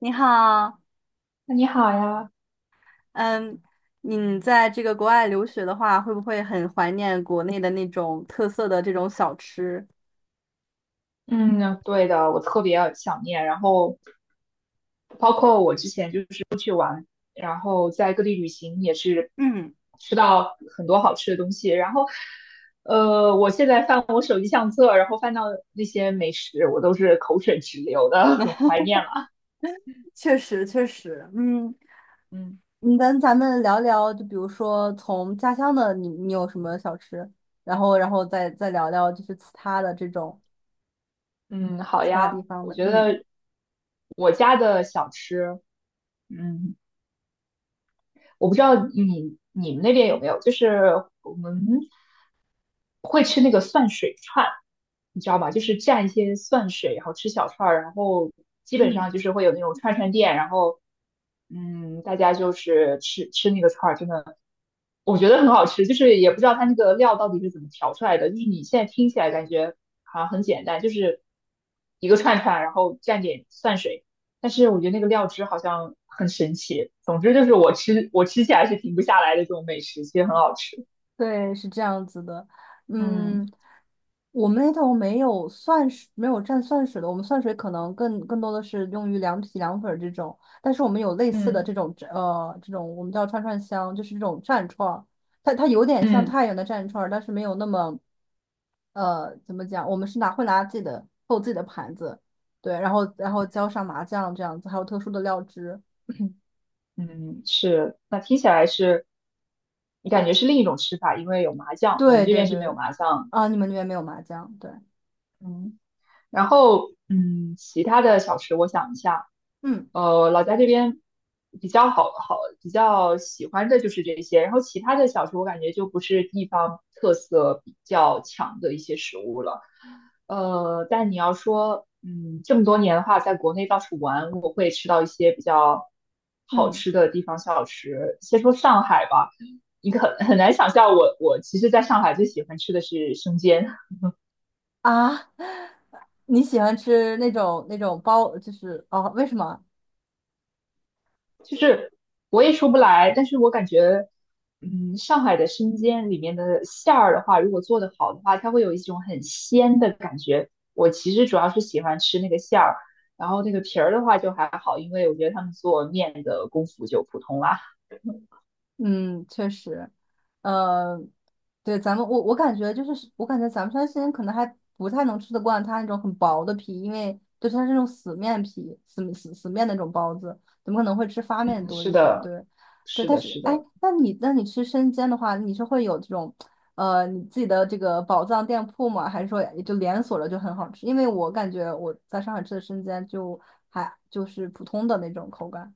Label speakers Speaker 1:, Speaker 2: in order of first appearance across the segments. Speaker 1: 你好，
Speaker 2: 你好呀，
Speaker 1: 嗯，你在这个国外留学的话，会不会很怀念国内的那种特色的这种小吃？
Speaker 2: 嗯，对的，我特别想念。然后，包括我之前就是出去玩，然后在各地旅行也是
Speaker 1: 嗯，
Speaker 2: 吃到很多好吃的东西。然后，我现在翻我手机相册，然后翻到那些美食，我都是口水直流的，很怀念了。
Speaker 1: 确实确实，嗯，
Speaker 2: 嗯
Speaker 1: 你跟咱们聊聊，就比如说从家乡的你，你有什么小吃，然后再聊聊就是其他的这种
Speaker 2: 嗯，好
Speaker 1: 其他
Speaker 2: 呀，
Speaker 1: 地方
Speaker 2: 我
Speaker 1: 的，
Speaker 2: 觉
Speaker 1: 嗯。
Speaker 2: 得我家的小吃，嗯。我不知道你们那边有没有，就是我们会吃那个蒜水串，你知道吗？就是蘸一些蒜水，然后吃小串儿，然后基本上
Speaker 1: 嗯。
Speaker 2: 就是会有那种串串店，然后大家就是吃吃那个串儿，真的我觉得很好吃，就是也不知道它那个料到底是怎么调出来的。就是你现在听起来感觉好像很简单，就是一个串串，然后蘸点蒜水。但是我觉得那个料汁好像很神奇。总之就是我吃起来是停不下来的这种美食，其实很好吃。
Speaker 1: 对，是这样子的。
Speaker 2: 嗯
Speaker 1: 嗯，我们那头没有蒜水，没有蘸蒜水的。我们蒜水可能更多的是用于凉皮、凉粉儿这种，但是我们有类似的
Speaker 2: 嗯，
Speaker 1: 这种这种我们叫串串香，就是这种蘸串儿，它有点像
Speaker 2: 嗯
Speaker 1: 太原的蘸串儿，但是没有那么怎么讲，我们是会拿自己的做自己的盘子，对，然后浇上麻酱这样子，还有特殊的料汁。
Speaker 2: 嗯，是。那听起来是，你感觉是另一种吃法，因为有麻酱，我们
Speaker 1: 对
Speaker 2: 这
Speaker 1: 对
Speaker 2: 边是没有
Speaker 1: 对，
Speaker 2: 麻酱。
Speaker 1: 啊，你们那边没有麻酱，对，
Speaker 2: 嗯。然后，其他的小吃我想一下，
Speaker 1: 嗯
Speaker 2: 老家这边比较喜欢的就是这些，然后其他的小吃我感觉就不是地方特色比较强的一些食物了。但你要说，这么多年的话，在国内到处玩，我会吃到一些比较好
Speaker 1: 嗯。
Speaker 2: 吃的地方小吃。先说上海吧，你可很难想象我其实在上海最喜欢吃的是生煎。
Speaker 1: 啊，你喜欢吃那种包，就是哦，为什么？
Speaker 2: 就是我也说不来，但是我感觉，上海的生煎里面的馅儿的话，如果做的好的话，它会有一种很鲜的感觉。我其实主要是喜欢吃那个馅儿，然后那个皮儿的话就还好，因为我觉得他们做面的功夫就普通啦。
Speaker 1: 嗯，确实，呃，对，咱们我感觉就是，我感觉咱们山西人可能还不太能吃得惯它那种很薄的皮，因为就是它是那种死面皮、死面那种包子，怎么可能会吃发面
Speaker 2: 嗯，
Speaker 1: 多一
Speaker 2: 是
Speaker 1: 些。
Speaker 2: 的，
Speaker 1: 对，对，
Speaker 2: 是
Speaker 1: 但
Speaker 2: 的，
Speaker 1: 是
Speaker 2: 是
Speaker 1: 哎，
Speaker 2: 的。
Speaker 1: 那你吃生煎的话，你是会有这种你自己的这个宝藏店铺吗？还是说也就连锁了就很好吃？因为我感觉我在上海吃的生煎就还就是普通的那种口感。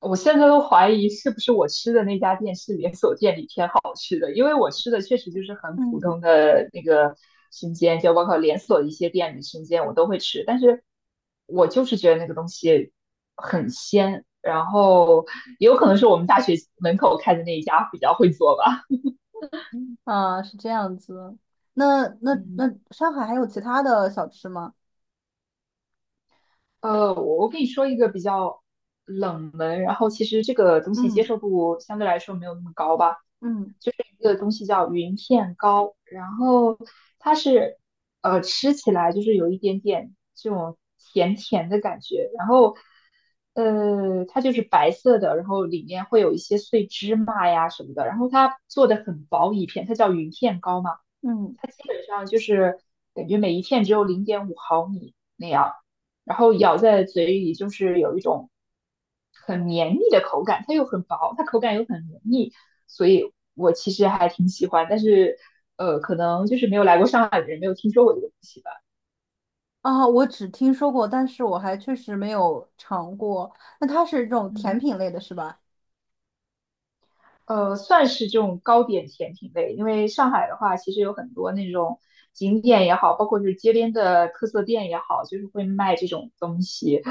Speaker 2: 我现在都怀疑是不是我吃的那家店是连锁店里偏好吃的，因为我吃的确实就是很普
Speaker 1: 嗯。
Speaker 2: 通的那个生煎，就包括连锁的一些店里生煎我都会吃，但是我就是觉得那个东西很鲜，然后也有可能是我们大学门口开的那一家比较会做吧。
Speaker 1: 啊，是这样子。那
Speaker 2: 嗯，
Speaker 1: 上海还有其他的小吃吗？
Speaker 2: 我跟你说一个比较冷门，然后其实这个东西接
Speaker 1: 嗯
Speaker 2: 受度相对来说没有那么高吧。
Speaker 1: 嗯
Speaker 2: 一个东西叫云片糕，然后它是吃起来就是有一点点这种甜甜的感觉，然后它就是白色的，然后里面会有一些碎芝麻呀什么的，然后它做的很薄一片，它叫云片糕嘛，
Speaker 1: 嗯，
Speaker 2: 它基本上就是感觉每一片只有0.5毫米那样，然后咬在嘴里就是有一种很绵密的口感，它又很薄，它口感又很绵密，所以我其实还挺喜欢，但是可能就是没有来过上海的人没有听说过这个东西吧，
Speaker 1: 啊，我只听说过，但是我还确实没有尝过。那它是这种甜
Speaker 2: 嗯。
Speaker 1: 品类的，是吧？
Speaker 2: 算是这种糕点甜品类，因为上海的话其实有很多那种景点也好，包括就是街边的特色店也好，就是会卖这种东西。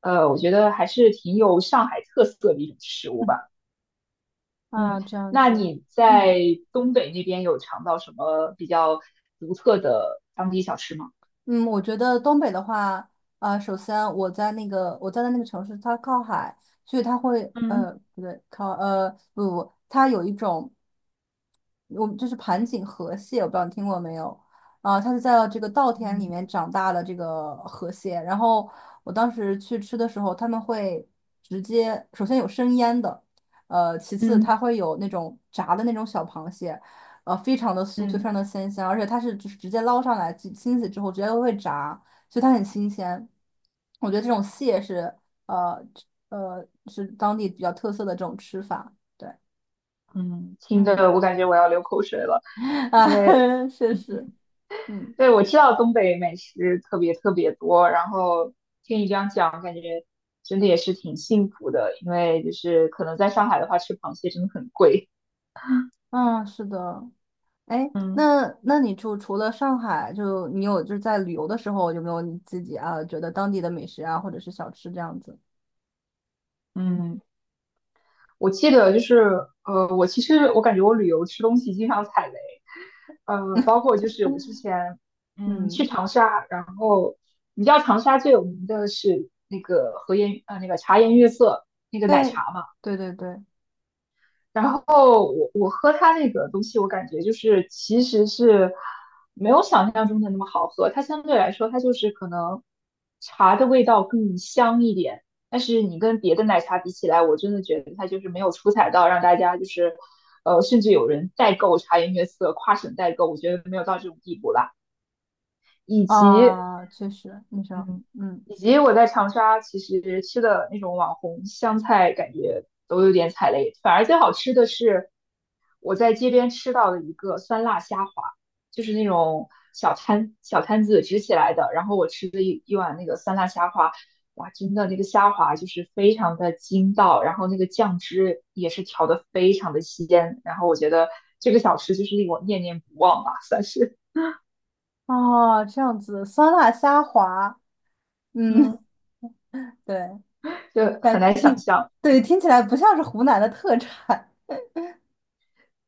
Speaker 2: 我觉得还是挺有上海特色的一种食物
Speaker 1: 嗯
Speaker 2: 吧。嗯，
Speaker 1: 啊，这样
Speaker 2: 那
Speaker 1: 子。
Speaker 2: 你
Speaker 1: 嗯
Speaker 2: 在东北那边有尝到什么比较独特的当地小吃吗？
Speaker 1: 嗯，我觉得东北的话，啊，首先我在的那个城市，它靠海，所以它会
Speaker 2: 嗯
Speaker 1: 不对，靠不，它有一种我们就是盘锦河蟹，我不知道你听过没有？啊，它是在这个稻田里面长大的这个河蟹。然后我当时去吃的时候，他们会直接首先有生腌的，其次它
Speaker 2: 嗯
Speaker 1: 会有那种炸的那种小螃蟹，非常的酥脆，非
Speaker 2: 嗯
Speaker 1: 常的鲜香，而且它是就是直接捞上来，清洗之后直接会炸，所以它很新鲜。我觉得这种蟹是呃当地比较特色的这种吃法。对，
Speaker 2: 嗯，听
Speaker 1: 嗯。
Speaker 2: 的我感觉我要流口水了，因为
Speaker 1: 啊，确实，嗯
Speaker 2: 对我知道东北美食特别特别多，然后听你这样讲，感觉真的也是挺幸福的，因为就是可能在上海的话，吃螃蟹真的很贵。
Speaker 1: 啊，是的。哎，
Speaker 2: 嗯
Speaker 1: 那你就除了上海，就你有就是在旅游的时候，有没有你自己啊觉得当地的美食啊，或者是小吃这样子？
Speaker 2: 嗯。嗯，我记得就是，我其实我感觉我旅游吃东西经常踩雷，包括就是我之 前，去
Speaker 1: 嗯，
Speaker 2: 长沙，然后你知道长沙最有名的是那个和颜，那个茶颜悦色那个奶
Speaker 1: 对，
Speaker 2: 茶嘛，
Speaker 1: 对对对，
Speaker 2: 然后我喝它那个东西，我感觉就是其实是没有想象中的那么好喝，它相对来说它就是可能茶的味道更香一点，但是你跟别的奶茶比起来，我真的觉得它就是没有出彩到让大家就是甚至有人代购茶颜悦色，跨省代购，我觉得没有到这种地步啦。以及
Speaker 1: 啊，确实，你说，
Speaker 2: 嗯，
Speaker 1: 嗯，
Speaker 2: 以及我在长沙其实吃的那种网红湘菜，感觉都有点踩雷。反而最好吃的是我在街边吃到的一个酸辣虾滑，就是那种小摊子支起来的。然后我吃了一碗那个酸辣虾滑，哇，真的那个虾滑就是非常的筋道，然后那个酱汁也是调的非常的鲜。然后我觉得这个小吃就是令我念念不忘吧，算是
Speaker 1: 哦，这样子，酸辣虾滑，
Speaker 2: 嗯，
Speaker 1: 嗯，对，
Speaker 2: 就很
Speaker 1: 但
Speaker 2: 难想
Speaker 1: 听，
Speaker 2: 象。
Speaker 1: 对，听起来不像是湖南的特产，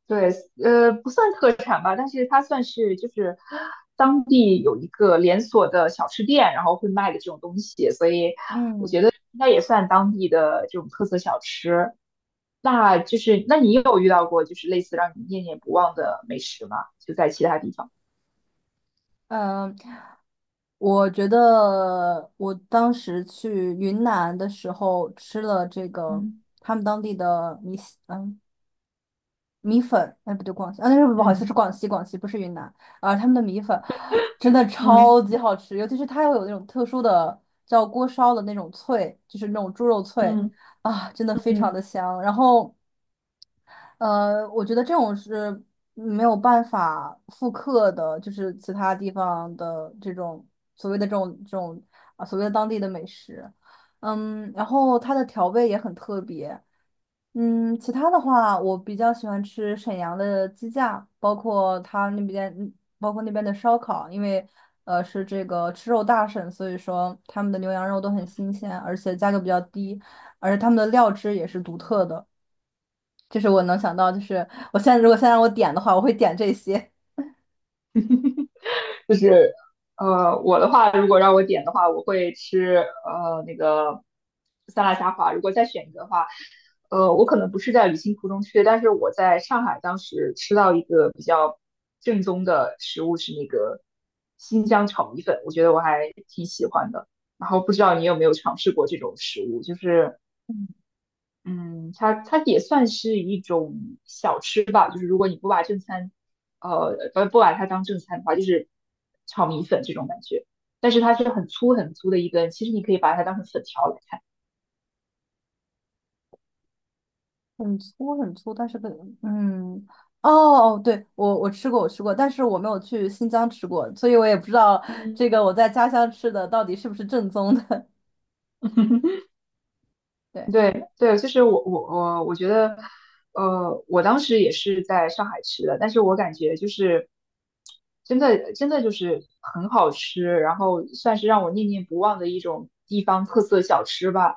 Speaker 2: 对，不算特产吧，但是它算是就是当地有一个连锁的小吃店，然后会卖的这种东西，所以
Speaker 1: 嗯。
Speaker 2: 应该也算当地的这种特色小吃。那就是，那你有遇到过就是类似让你念念不忘的美食吗？就在其他地方。
Speaker 1: 嗯，我觉得我当时去云南的时候吃了这个
Speaker 2: 嗯
Speaker 1: 他们当地的米线嗯，米粉，哎，不对，广西，啊，那是不好意思，是
Speaker 2: 嗯
Speaker 1: 广西，广西不是云南啊，他们的米粉真的超
Speaker 2: 嗯
Speaker 1: 级好吃，尤其是它又有那种特殊的叫锅烧的那种脆，就是那种猪肉脆
Speaker 2: 嗯
Speaker 1: 啊，真的非常
Speaker 2: 嗯。
Speaker 1: 的香。然后我觉得这种是没有办法复刻的，就是其他地方的这种所谓的这种啊，所谓的当地的美食。嗯，然后它的调味也很特别。嗯，其他的话，我比较喜欢吃沈阳的鸡架，包括它那边，包括那边的烧烤，因为是这个吃肉大省，所以说他们的牛羊肉都很新鲜，而且价格比较低，而且他们的料汁也是独特的。就是我能想到，就是我如果现在让我点的话，我会点这些
Speaker 2: 就是我的话，如果让我点的话，我会吃那个酸辣虾滑。如果再选一个的话，我可能不是在旅行途中吃的，但是我在上海当时吃到一个比较正宗的食物是那个新疆炒米粉，我觉得我还挺喜欢的。然后不知道你有没有尝试过这种食物，就是嗯，它也算是一种小吃吧，就是如果你不把正餐，不把它当正餐的话，就是炒米粉这种感觉。但是它是很粗很粗的一根，其实你可以把它当成粉条来看。
Speaker 1: 很粗很粗，但是嗯哦哦，对我吃过我吃过，但是我没有去新疆吃过，所以我也不知道这
Speaker 2: 嗯，
Speaker 1: 个我在家乡吃的到底是不是正宗的。对，
Speaker 2: 对对，就是我觉得，我当时也是在上海吃的，但是我感觉就是真的真的就是很好吃，然后算是让我念念不忘的一种地方特色小吃吧。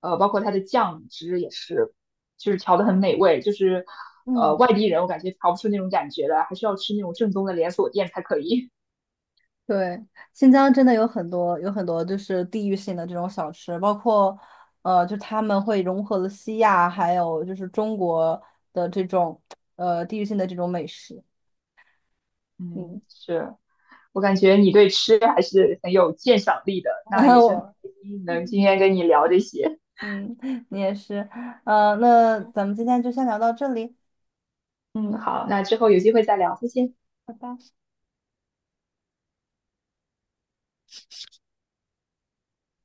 Speaker 2: 包括它的酱汁也是，就是调的很美味，就是
Speaker 1: 嗯，
Speaker 2: 外地人我感觉调不出那种感觉来，还是要吃那种正宗的连锁店才可以。
Speaker 1: 对，新疆真的有很多就是地域性的这种小吃，包括就他们会融合了西亚还有就是中国的这种地域性的这种美食。嗯，
Speaker 2: 嗯，是。我感觉你对吃还是很有鉴赏力的，
Speaker 1: 然
Speaker 2: 那也
Speaker 1: 后
Speaker 2: 是很
Speaker 1: 我。
Speaker 2: 开心能今天跟你聊这些。
Speaker 1: 嗯，你也是，那咱们今天就先聊到这里，
Speaker 2: 嗯，好，那之后有机会再聊，再见。
Speaker 1: 拜拜。